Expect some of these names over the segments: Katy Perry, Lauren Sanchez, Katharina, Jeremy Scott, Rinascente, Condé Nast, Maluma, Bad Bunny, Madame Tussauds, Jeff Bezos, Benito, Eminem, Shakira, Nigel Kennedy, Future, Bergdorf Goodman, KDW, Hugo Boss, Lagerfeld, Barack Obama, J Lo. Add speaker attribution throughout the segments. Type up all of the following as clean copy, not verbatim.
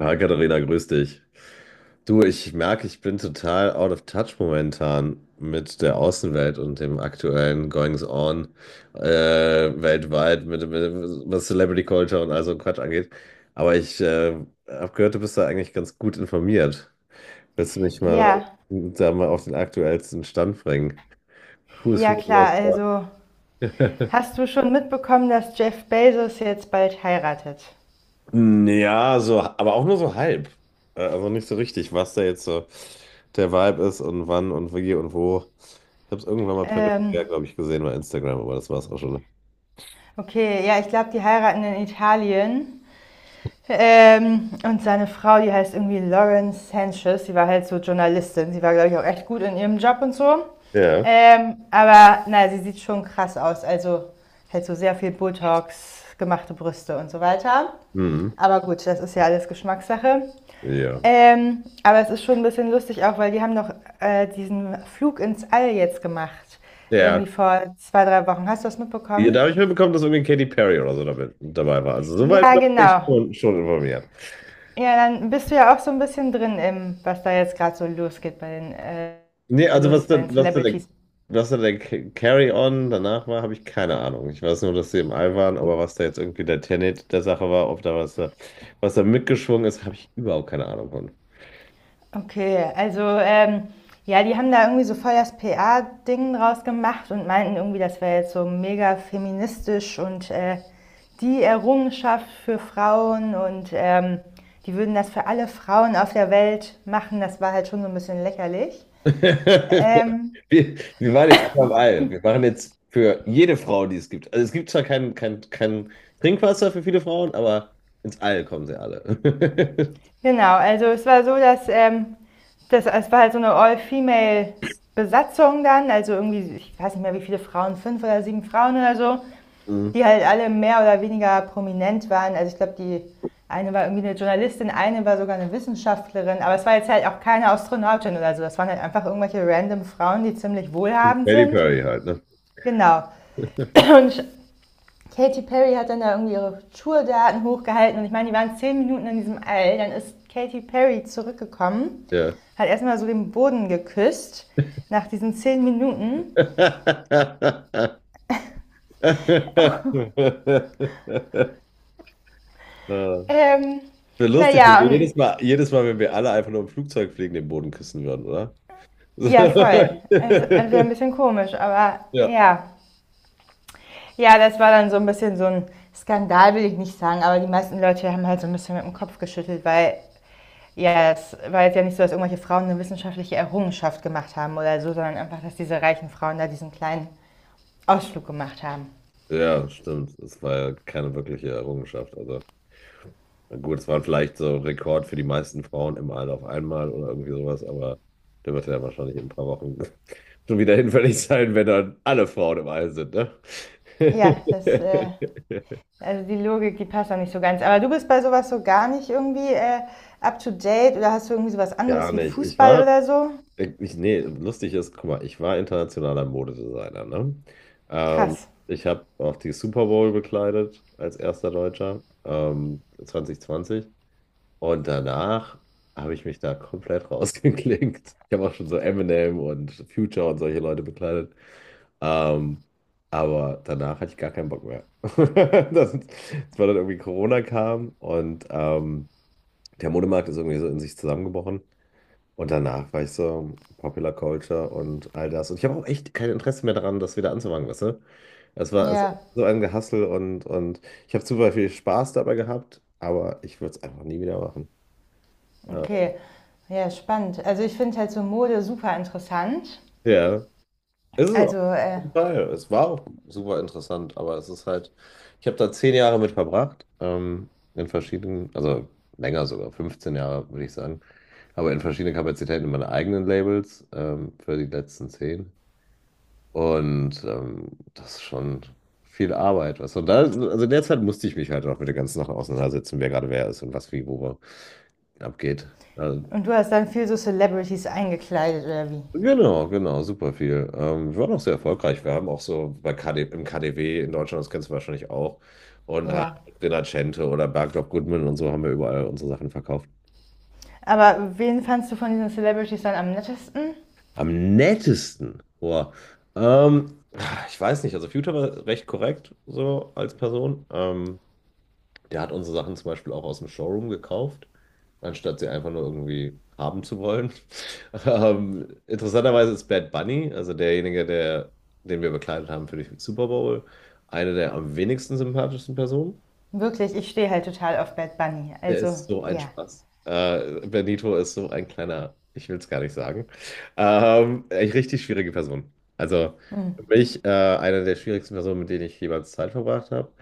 Speaker 1: Hi Katharina, grüß dich. Du, ich merke, ich bin total out of touch momentan mit der Außenwelt und dem aktuellen Goings on weltweit, was Celebrity Culture und all so ein Quatsch angeht. Aber ich habe gehört, du bist da eigentlich ganz gut informiert. Willst du mich mal
Speaker 2: Ja,
Speaker 1: da mal auf den aktuellsten Stand bringen? Who's
Speaker 2: ja
Speaker 1: who?
Speaker 2: klar.
Speaker 1: What, what?
Speaker 2: Also, hast du schon mitbekommen, dass Jeff Bezos jetzt bald heiratet?
Speaker 1: Ja, so, aber auch nur so halb. Also nicht so richtig, was da jetzt so der Vibe ist und wann und wie und wo. Ich habe es irgendwann mal peripher,
Speaker 2: Ähm,
Speaker 1: glaube ich, gesehen bei Instagram, aber das war es auch schon.
Speaker 2: okay, ja, ich glaube, die heiraten in Italien. Und seine Frau, die heißt irgendwie Lauren Sanchez. Sie war halt so Journalistin. Sie war, glaube ich, auch echt gut in ihrem Job und so.
Speaker 1: Ja.
Speaker 2: Aber naja, sie sieht schon krass aus. Also halt so sehr viel Botox, gemachte Brüste und so weiter.
Speaker 1: Mhm.
Speaker 2: Aber gut, das ist ja alles Geschmackssache.
Speaker 1: Ja.
Speaker 2: Aber es ist schon ein bisschen lustig auch, weil die haben noch diesen Flug ins All jetzt gemacht. Irgendwie
Speaker 1: Ja.
Speaker 2: vor zwei, drei Wochen. Hast du das
Speaker 1: Ja, da
Speaker 2: mitbekommen?
Speaker 1: habe ich mitbekommen, dass irgendwie Katy Perry oder so damit, dabei war. Also soweit
Speaker 2: Ja,
Speaker 1: bin ich
Speaker 2: genau.
Speaker 1: schon, schon informiert.
Speaker 2: Ja, dann bist du ja auch so ein bisschen drin im, was da jetzt gerade so losgeht bei den,
Speaker 1: Nee, also
Speaker 2: los
Speaker 1: was da,
Speaker 2: bei den
Speaker 1: was da der,
Speaker 2: Celebrities.
Speaker 1: was da der Ca- Carry-On danach war, habe ich keine Ahnung. Ich weiß nur, dass sie im All waren, aber was da jetzt irgendwie der Tenet der Sache war, ob da was da mitgeschwungen ist, habe ich überhaupt keine Ahnung von.
Speaker 2: Okay, also ja, die haben da irgendwie so voll das PA-Ding draus gemacht und meinten irgendwie, das wäre jetzt so mega feministisch und die Errungenschaft für Frauen und die würden das für alle Frauen auf der Welt machen. Das war halt schon so ein bisschen lächerlich. Ähm,
Speaker 1: Wir waren jetzt einfach im All. Wir machen jetzt für jede Frau, die es gibt. Also es gibt zwar kein Trinkwasser für viele Frauen, aber ins All kommen sie alle.
Speaker 2: genau, also es war so, dass es war halt so eine All-Female-Besatzung dann, also irgendwie, ich weiß nicht mehr wie viele Frauen, fünf oder sieben Frauen oder so,
Speaker 1: Mhm.
Speaker 2: die halt alle mehr oder weniger prominent waren. Also ich glaube, die eine war irgendwie eine Journalistin, eine war sogar eine Wissenschaftlerin, aber es war jetzt halt auch keine Astronautin oder so. Das waren halt einfach irgendwelche random Frauen, die ziemlich wohlhabend
Speaker 1: Katy
Speaker 2: sind.
Speaker 1: Perry halt, ne?
Speaker 2: Genau. Und Katy Perry hat dann da irgendwie ihre Tourdaten hochgehalten, und ich meine, die waren zehn Minuten in diesem All. Dann ist Katy Perry zurückgekommen,
Speaker 1: Ja.
Speaker 2: hat erstmal so den Boden geküsst nach diesen zehn Minuten.
Speaker 1: Ja.
Speaker 2: Ähm,
Speaker 1: Wäre lustig, wenn
Speaker 2: naja,
Speaker 1: wir
Speaker 2: und
Speaker 1: jedes Mal, wenn wir alle einfach nur im Flugzeug fliegen, den Boden küssen würden, oder?
Speaker 2: Ja, voll. Es es ein bisschen komisch, aber
Speaker 1: Ja.
Speaker 2: ja. Ja, das war dann so ein bisschen so ein Skandal, will ich nicht sagen, aber die meisten Leute haben halt so ein bisschen mit dem Kopf geschüttelt, weil ja, es war jetzt ja nicht so, dass irgendwelche Frauen eine wissenschaftliche Errungenschaft gemacht haben oder so, sondern einfach, dass diese reichen Frauen da diesen kleinen Ausflug gemacht haben.
Speaker 1: Ja, stimmt. Das war ja keine wirkliche Errungenschaft. Also gut, es war vielleicht so ein Rekord für die meisten Frauen im All auf einmal oder irgendwie sowas, aber der wird ja wahrscheinlich in ein paar Wochen schon wieder hinfällig sein, wenn dann alle Frauen im All sind, ne?
Speaker 2: Ja, das, äh, also die Logik, die passt auch nicht so ganz. Aber du bist bei sowas so gar nicht irgendwie up to date, oder hast du irgendwie sowas
Speaker 1: Gar
Speaker 2: anderes wie
Speaker 1: nicht.
Speaker 2: Fußball oder so?
Speaker 1: Nee, lustig ist, guck mal, ich war internationaler Modedesigner, ne? Mhm. Ähm,
Speaker 2: Krass.
Speaker 1: Ich habe auch die Super Bowl bekleidet als erster Deutscher, zwanzig. Zwanzig. Und danach habe ich mich da komplett rausgeklinkt. Ich habe auch schon so Eminem und Future und solche Leute bekleidet. Ähm, aber danach hatte ich gar keinen Bock mehr. Das war dann irgendwie Corona kam und der Modemarkt ist irgendwie so in sich zusammengebrochen. Und danach war ich so Popular Culture und all das. Und ich habe auch echt kein Interesse mehr daran, das wieder anzufangen, weißt du? Es war also
Speaker 2: Ja.
Speaker 1: so ein Gehassel und ich habe super viel Spaß dabei gehabt, aber ich würde es einfach nie wieder machen. Ja,
Speaker 2: Okay, ja, spannend. Also ich finde halt so Mode super interessant.
Speaker 1: ja. Ist es auch.
Speaker 2: Also,
Speaker 1: Auf
Speaker 2: äh,
Speaker 1: jeden Fall. Es war auch super interessant, aber es ist halt, ich habe da 10 Jahre mit verbracht, in verschiedenen, also länger sogar, 15 Jahre würde ich sagen, aber in verschiedenen Kapazitäten in meinen eigenen Labels, für die letzten 10. Und das ist schon viel Arbeit, was. Und da, also in der Zeit musste ich mich halt auch mit den ganzen Sachen auseinandersetzen, wer gerade wer ist und was wie wo abgeht. Also,
Speaker 2: und du hast dann viel so Celebrities eingekleidet oder wie?
Speaker 1: genau, genau, super viel. Wir waren auch sehr erfolgreich. Wir haben auch so bei KD, im KDW in Deutschland, das kennst du wahrscheinlich auch, und halt
Speaker 2: Ja.
Speaker 1: Rinascente oder Bergdorf Goodman und so haben wir überall unsere Sachen verkauft.
Speaker 2: Aber wen fandst du von diesen Celebrities dann am nettesten?
Speaker 1: Am nettesten, boah. Ähm, Ich weiß nicht, also Future war recht korrekt so als Person. Der hat unsere Sachen zum Beispiel auch aus dem Showroom gekauft, anstatt sie einfach nur irgendwie haben zu wollen. Interessanterweise ist Bad Bunny, also derjenige, der, den wir bekleidet haben für die Super Bowl, eine der am wenigsten sympathischsten Personen.
Speaker 2: Wirklich, ich stehe halt total auf Bad Bunny.
Speaker 1: Der
Speaker 2: Also,
Speaker 1: ist so ein
Speaker 2: ja.
Speaker 1: Spaß. Benito ist so ein kleiner, ich will es gar nicht sagen. Echt richtig schwierige Person. Also
Speaker 2: Mm,
Speaker 1: für mich eine der schwierigsten Personen, mit denen ich jemals Zeit verbracht habe.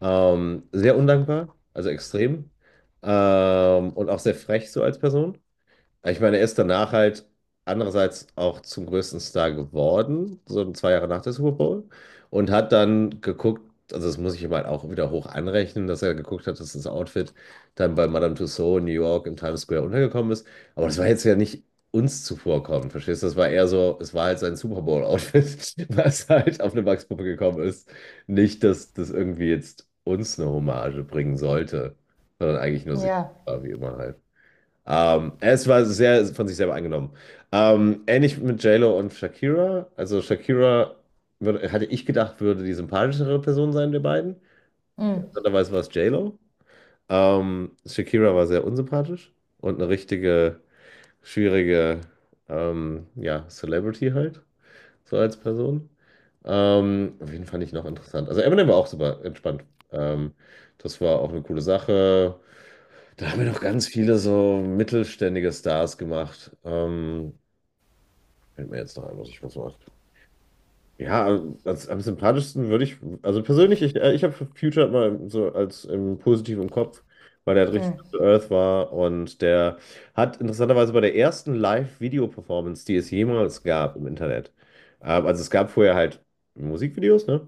Speaker 1: Sehr undankbar, also extrem. Und auch sehr frech so als Person. Ja, ich meine, er ist danach halt andererseits auch zum größten Star geworden, so zwei Jahre nach der Super Bowl, und hat dann geguckt, also das muss ich ihm halt auch wieder hoch anrechnen, dass er geguckt hat, dass das Outfit dann bei Madame Tussauds in New York im Times Square untergekommen ist. Aber das war jetzt ja nicht uns zuvorkommend, verstehst du? Das war eher so, es war halt sein Super Bowl-Outfit, was halt auf eine Wachspuppe gekommen ist. Nicht, dass das irgendwie jetzt uns eine Hommage bringen sollte, sondern eigentlich nur sich,
Speaker 2: ja.
Speaker 1: war wie immer halt. Es war sehr von sich selber eingenommen. Ähnlich mit J Lo und Shakira. Also Shakira würde, hatte ich gedacht, würde die sympathischere Person sein der beiden.
Speaker 2: Mm,
Speaker 1: Interessanterweise war es JLo. Shakira war sehr unsympathisch und eine richtige, schwierige ja, Celebrity halt, so als Person. Wen fand ich noch interessant? Also Eminem war auch super entspannt. Ähm, Das war auch eine coole Sache. Da haben wir noch ganz viele so mittelständige Stars gemacht. Fällt mir jetzt noch ein, was ich was mache. Ja, als, am sympathischsten würde ich, also persönlich, ich habe Future mal so als positiv im Kopf, weil der
Speaker 2: mm,
Speaker 1: richtig down to Earth war und der hat interessanterweise bei der ersten Live-Video-Performance, die es jemals gab im Internet, also es gab vorher halt Musikvideos, ne?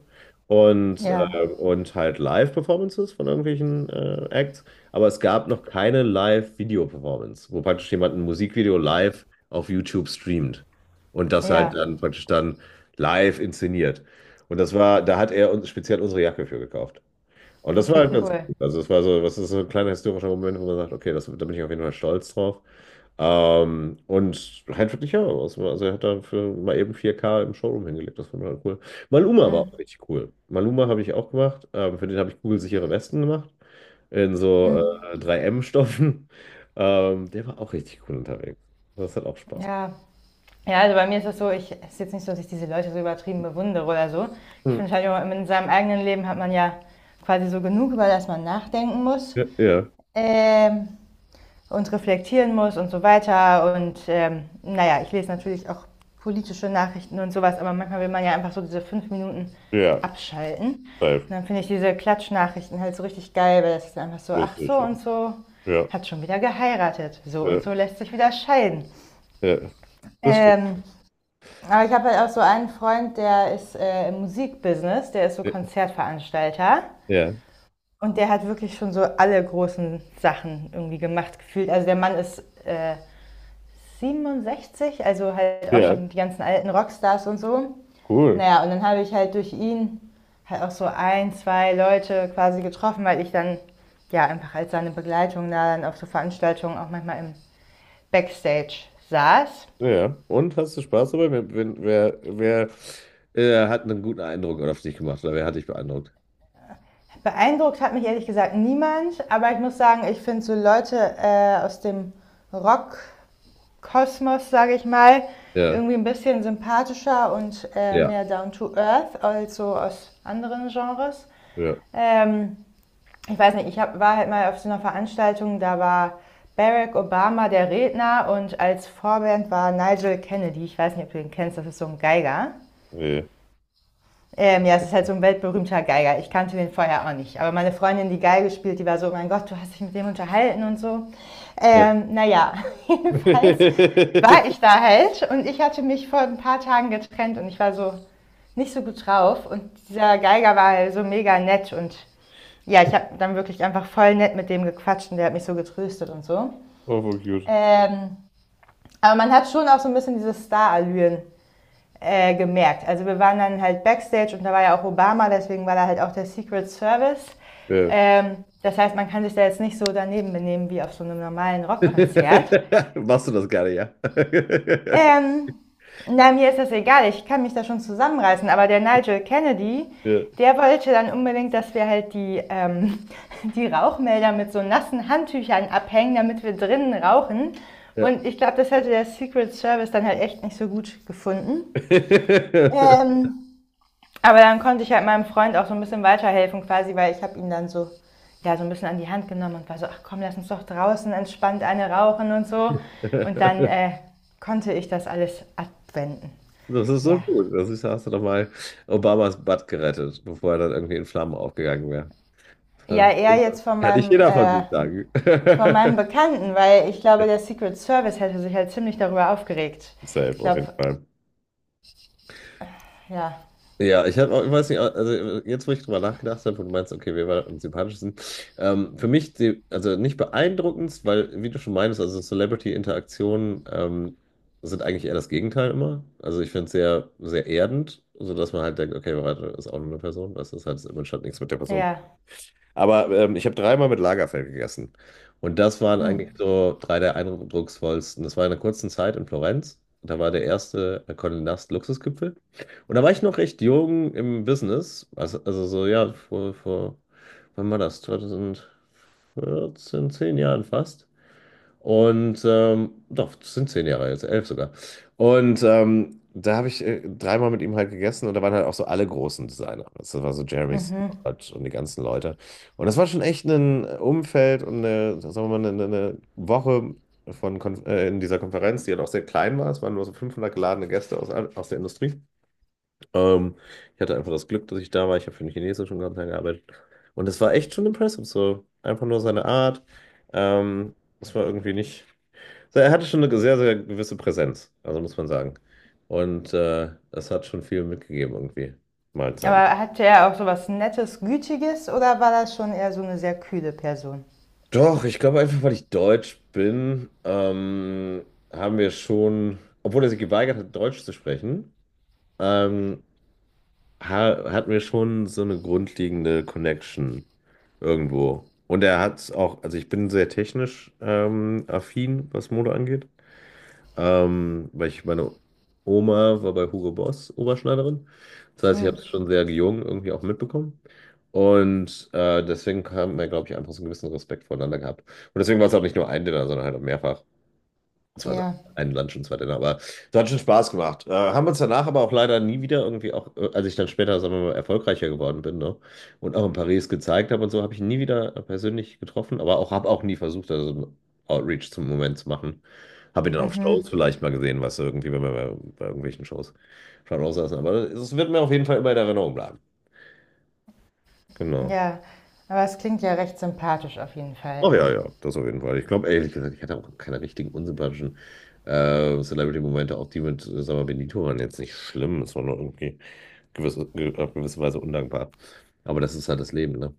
Speaker 1: Und,
Speaker 2: ja.
Speaker 1: äh, und halt Live-Performances von irgendwelchen Acts, aber es gab noch keine Live-Video-Performance, wo praktisch jemand ein Musikvideo live auf YouTube streamt und das halt
Speaker 2: Ja.
Speaker 1: dann praktisch dann live inszeniert. Und das war, da hat er uns speziell unsere Jacke für gekauft. Und das war
Speaker 2: Okay,
Speaker 1: halt ganz
Speaker 2: cool.
Speaker 1: gut. Also es war so, was ist so ein kleiner historischer Moment, wo man sagt, okay, das, da bin ich auf jeden Fall stolz drauf. Und halt wirklich, ja, also er hat da für mal eben vier k im Showroom hingelegt, das fand ich halt cool. Maluma war auch richtig cool. Maluma habe ich auch gemacht, für den habe ich kugelsichere Westen gemacht, in so 3M-Stoffen. Der war auch richtig cool unterwegs. Das hat auch Spaß gemacht.
Speaker 2: Ja. Ja, also bei mir ist das so, ich, es ist jetzt nicht so, dass ich diese Leute so übertrieben bewundere oder so. Ich
Speaker 1: Hm.
Speaker 2: finde halt, immer, in seinem eigenen Leben hat man ja quasi so genug, über das man nachdenken muss.
Speaker 1: Ja, ja,
Speaker 2: ähm, und reflektieren muss und so weiter. Und naja, ich lese natürlich auch politische Nachrichten und sowas, aber manchmal will man ja einfach so diese fünf Minuten
Speaker 1: ja,
Speaker 2: abschalten. Und
Speaker 1: live,
Speaker 2: dann finde ich diese Klatschnachrichten halt so richtig geil, weil das ist einfach so, ach so
Speaker 1: lustig.
Speaker 2: und so
Speaker 1: Ja.
Speaker 2: hat schon wieder geheiratet, so und
Speaker 1: Ja,
Speaker 2: so lässt sich wieder scheiden.
Speaker 1: ja, das stimmt.
Speaker 2: Ähm, aber ich habe halt auch so einen Freund, der ist im Musikbusiness, der ist so Konzertveranstalter.
Speaker 1: Ja,
Speaker 2: Und der hat wirklich schon so alle großen Sachen irgendwie gemacht, gefühlt. Also der Mann ist äh, 67, also halt auch
Speaker 1: ja,
Speaker 2: schon die ganzen alten Rockstars und so.
Speaker 1: cool.
Speaker 2: Naja, und dann habe ich halt durch ihn halt auch so ein, zwei Leute quasi getroffen, weil ich dann ja einfach als seine Begleitung da dann auf so Veranstaltungen auch manchmal im Backstage saß.
Speaker 1: Ja. Und hast du Spaß dabei? Wer, wenn- wer, wer hat einen guten Eindruck auf dich gemacht oder wer hat dich beeindruckt?
Speaker 2: Beeindruckt hat mich ehrlich gesagt niemand, aber ich muss sagen, ich finde so Leute aus dem Rock Kosmos, sage ich mal,
Speaker 1: Ja,
Speaker 2: irgendwie ein bisschen sympathischer und
Speaker 1: ja,
Speaker 2: mehr down to earth, also aus anderen Genres.
Speaker 1: ja.
Speaker 2: Ähm, ich weiß nicht, ich hab, war halt mal auf so einer Veranstaltung, da war Barack Obama der Redner und als Vorband war Nigel Kennedy. Ich weiß nicht, ob du den kennst, das ist so ein Geiger.
Speaker 1: Ja.
Speaker 2: Ja, es ist halt so ein weltberühmter Geiger. Ich kannte den vorher auch nicht. Aber meine Freundin, die Geige spielt, die war so, mein Gott, du hast dich mit dem unterhalten und so.
Speaker 1: Ja.
Speaker 2: Ähm, naja, jedenfalls war ich da halt, und ich hatte mich vor ein paar Tagen getrennt und ich war so nicht so gut drauf. Und dieser Geiger war halt so mega nett, und ja, ich habe dann wirklich einfach voll nett mit dem gequatscht und der hat mich so getröstet und so.
Speaker 1: Oh, voll cute.
Speaker 2: Ähm, aber man hat schon auch so ein bisschen diese Star-Allüren gemerkt. Also wir waren dann halt backstage und da war ja auch Obama, deswegen war da halt auch der Secret Service.
Speaker 1: Ja.
Speaker 2: Das heißt, man kann sich da jetzt nicht so daneben benehmen wie auf so einem normalen Rockkonzert.
Speaker 1: Machst du das gerne, ja?
Speaker 2: Ähm, na, mir ist das egal, ich kann mich da schon zusammenreißen, aber der Nigel Kennedy,
Speaker 1: Ja,
Speaker 2: der wollte dann unbedingt, dass wir halt die, die Rauchmelder mit so nassen Handtüchern abhängen, damit wir drinnen rauchen.
Speaker 1: ja.
Speaker 2: Und ich glaube, das hätte der Secret Service dann halt echt nicht so gut gefunden. Ähm, Aber dann konnte ich halt meinem Freund auch so ein bisschen weiterhelfen quasi, weil ich habe ihn dann so, ja, so ein bisschen an die Hand genommen und war so, ach komm, lass uns doch draußen entspannt eine rauchen und so. Und dann konnte ich das alles abwenden.
Speaker 1: Das ist so
Speaker 2: Ja.
Speaker 1: gut. Das ist, hast du doch mal Obamas Butt gerettet, bevor er dann irgendwie in Flammen aufgegangen wäre.
Speaker 2: Ja,
Speaker 1: Ja.
Speaker 2: eher jetzt
Speaker 1: Kann nicht jeder von sich sagen.
Speaker 2: von meinem Bekannten, weil ich glaube, der Secret Service hätte sich halt ziemlich darüber aufgeregt.
Speaker 1: Safe,
Speaker 2: Ich
Speaker 1: auf jeden
Speaker 2: glaube,
Speaker 1: Fall.
Speaker 2: ja,
Speaker 1: Ja, ich habe auch, ich weiß nicht, also jetzt, wo ich drüber nachgedacht habe, wo du meinst, okay, wer war am sympathischsten? Für mich, die, also nicht beeindruckendst, weil, wie du schon meinst, also Celebrity-Interaktionen sind eigentlich eher das Gegenteil immer. Also ich finde es sehr, sehr erdend, sodass man halt denkt, okay, warte, ist auch nur eine Person, weißt du, das hat jetzt im Moment nichts mit der Person.
Speaker 2: ja.
Speaker 1: Aber ich habe dreimal mit Lagerfeld gegessen. Und das waren
Speaker 2: Hm.
Speaker 1: eigentlich so drei der eindrucksvollsten. Das war in einer kurzen Zeit in Florenz. Da war der erste Condé Nast Luxusgipfel. Und da war ich noch recht jung im Business. Also so, ja, wann war das? 2014, 10 Jahren fast. Und doch, das sind 10 Jahre jetzt, 11 sogar. Und da habe ich dreimal mit ihm halt gegessen und da waren halt auch so alle großen Designer. Das war so Jeremy
Speaker 2: Mhm.
Speaker 1: Scott und die ganzen Leute. Und das war schon echt ein Umfeld und eine, sagen wir mal, eine Woche von Kon in dieser Konferenz, die halt auch sehr klein war. Es waren nur so 500 geladene Gäste aus der Industrie. Ähm, Ich hatte einfach das Glück, dass ich da war. Ich habe für einen chinesischen Konzern gearbeitet. Und es war echt schon impressive. So einfach nur seine Art. Es war irgendwie nicht. So, er hatte schon eine sehr, sehr gewisse Präsenz, also muss man sagen. Und das hat schon viel mitgegeben irgendwie, Mahlzeiten.
Speaker 2: Aber hatte er auch so was Nettes, Gütiges, oder war das schon eher so eine sehr kühle Person?
Speaker 1: Doch, ich glaube einfach, weil ich Deutsch bin, haben wir schon, obwohl er sich geweigert hat, Deutsch zu sprechen, ähm, ha hatten wir schon so eine grundlegende Connection irgendwo. Und er hat auch, also ich bin sehr technisch affin, was Mode angeht. Weil ich, meine Oma war bei Hugo Boss Oberschneiderin. Das heißt, ich
Speaker 2: Hm.
Speaker 1: habe es schon sehr jung irgendwie auch mitbekommen. Und deswegen haben wir, glaube ich, einfach so einen gewissen Respekt voneinander gehabt. Und deswegen war es auch nicht nur ein Dinner, sondern halt auch mehrfach. Es war
Speaker 2: Ja.
Speaker 1: ein Lunch und zwei Dinner, aber es hat schon Spaß gemacht. Haben uns danach aber auch leider nie wieder irgendwie auch, als ich dann später, sagen wir mal, erfolgreicher geworden bin, ne? Und auch in Paris gezeigt habe und so, habe ich ihn nie wieder persönlich getroffen, aber auch habe auch nie versucht, also einen Outreach zum Moment zu machen. Habe ihn dann auf Shows
Speaker 2: Mhm.
Speaker 1: vielleicht mal gesehen, was irgendwie, wenn wir bei irgendwelchen Shows schon aussaßen. Aber es wird mir auf jeden Fall immer in Erinnerung bleiben. Genau.
Speaker 2: Ja, aber es klingt ja recht sympathisch auf jeden Fall.
Speaker 1: Ach ja, ja, das auf jeden Fall. Ich glaube, ehrlich gesagt, ich hatte auch keine richtigen unsympathischen Celebrity-Momente, auch die mit, sag mal, Benito waren jetzt nicht schlimm. Es war nur irgendwie auf gewisse Weise undankbar. Aber das ist halt das Leben, ne?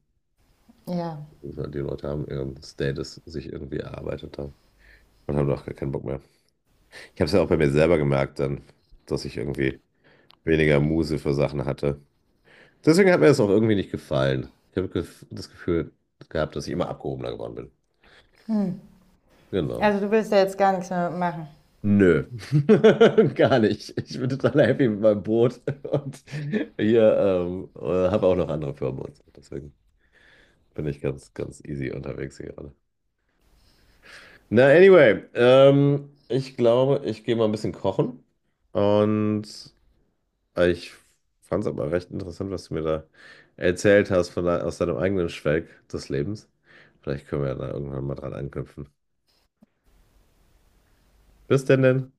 Speaker 2: Ja.
Speaker 1: Das ist halt, die Leute haben ihren Status sich irgendwie erarbeitet haben und haben auch gar keinen Bock mehr. Ich habe es ja auch bei mir selber gemerkt dann, dass ich irgendwie weniger Muße für Sachen hatte. Deswegen hat mir das auch irgendwie nicht gefallen. Ich habe das Gefühl gehabt, dass ich immer abgehobener geworden bin. Genau.
Speaker 2: Also du willst ja jetzt gar nichts mehr machen.
Speaker 1: Nö, gar nicht. Ich bin total happy mit meinem Boot und hier habe auch noch andere Firmen und so. Deswegen bin ich ganz, ganz easy unterwegs hier gerade. Na, anyway, ich glaube, ich gehe mal ein bisschen kochen und ich fand es aber recht interessant, was du mir da erzählt hast von aus deinem eigenen Schwelg des Lebens. Vielleicht können wir ja da irgendwann mal dran anknüpfen. Bis denn denn.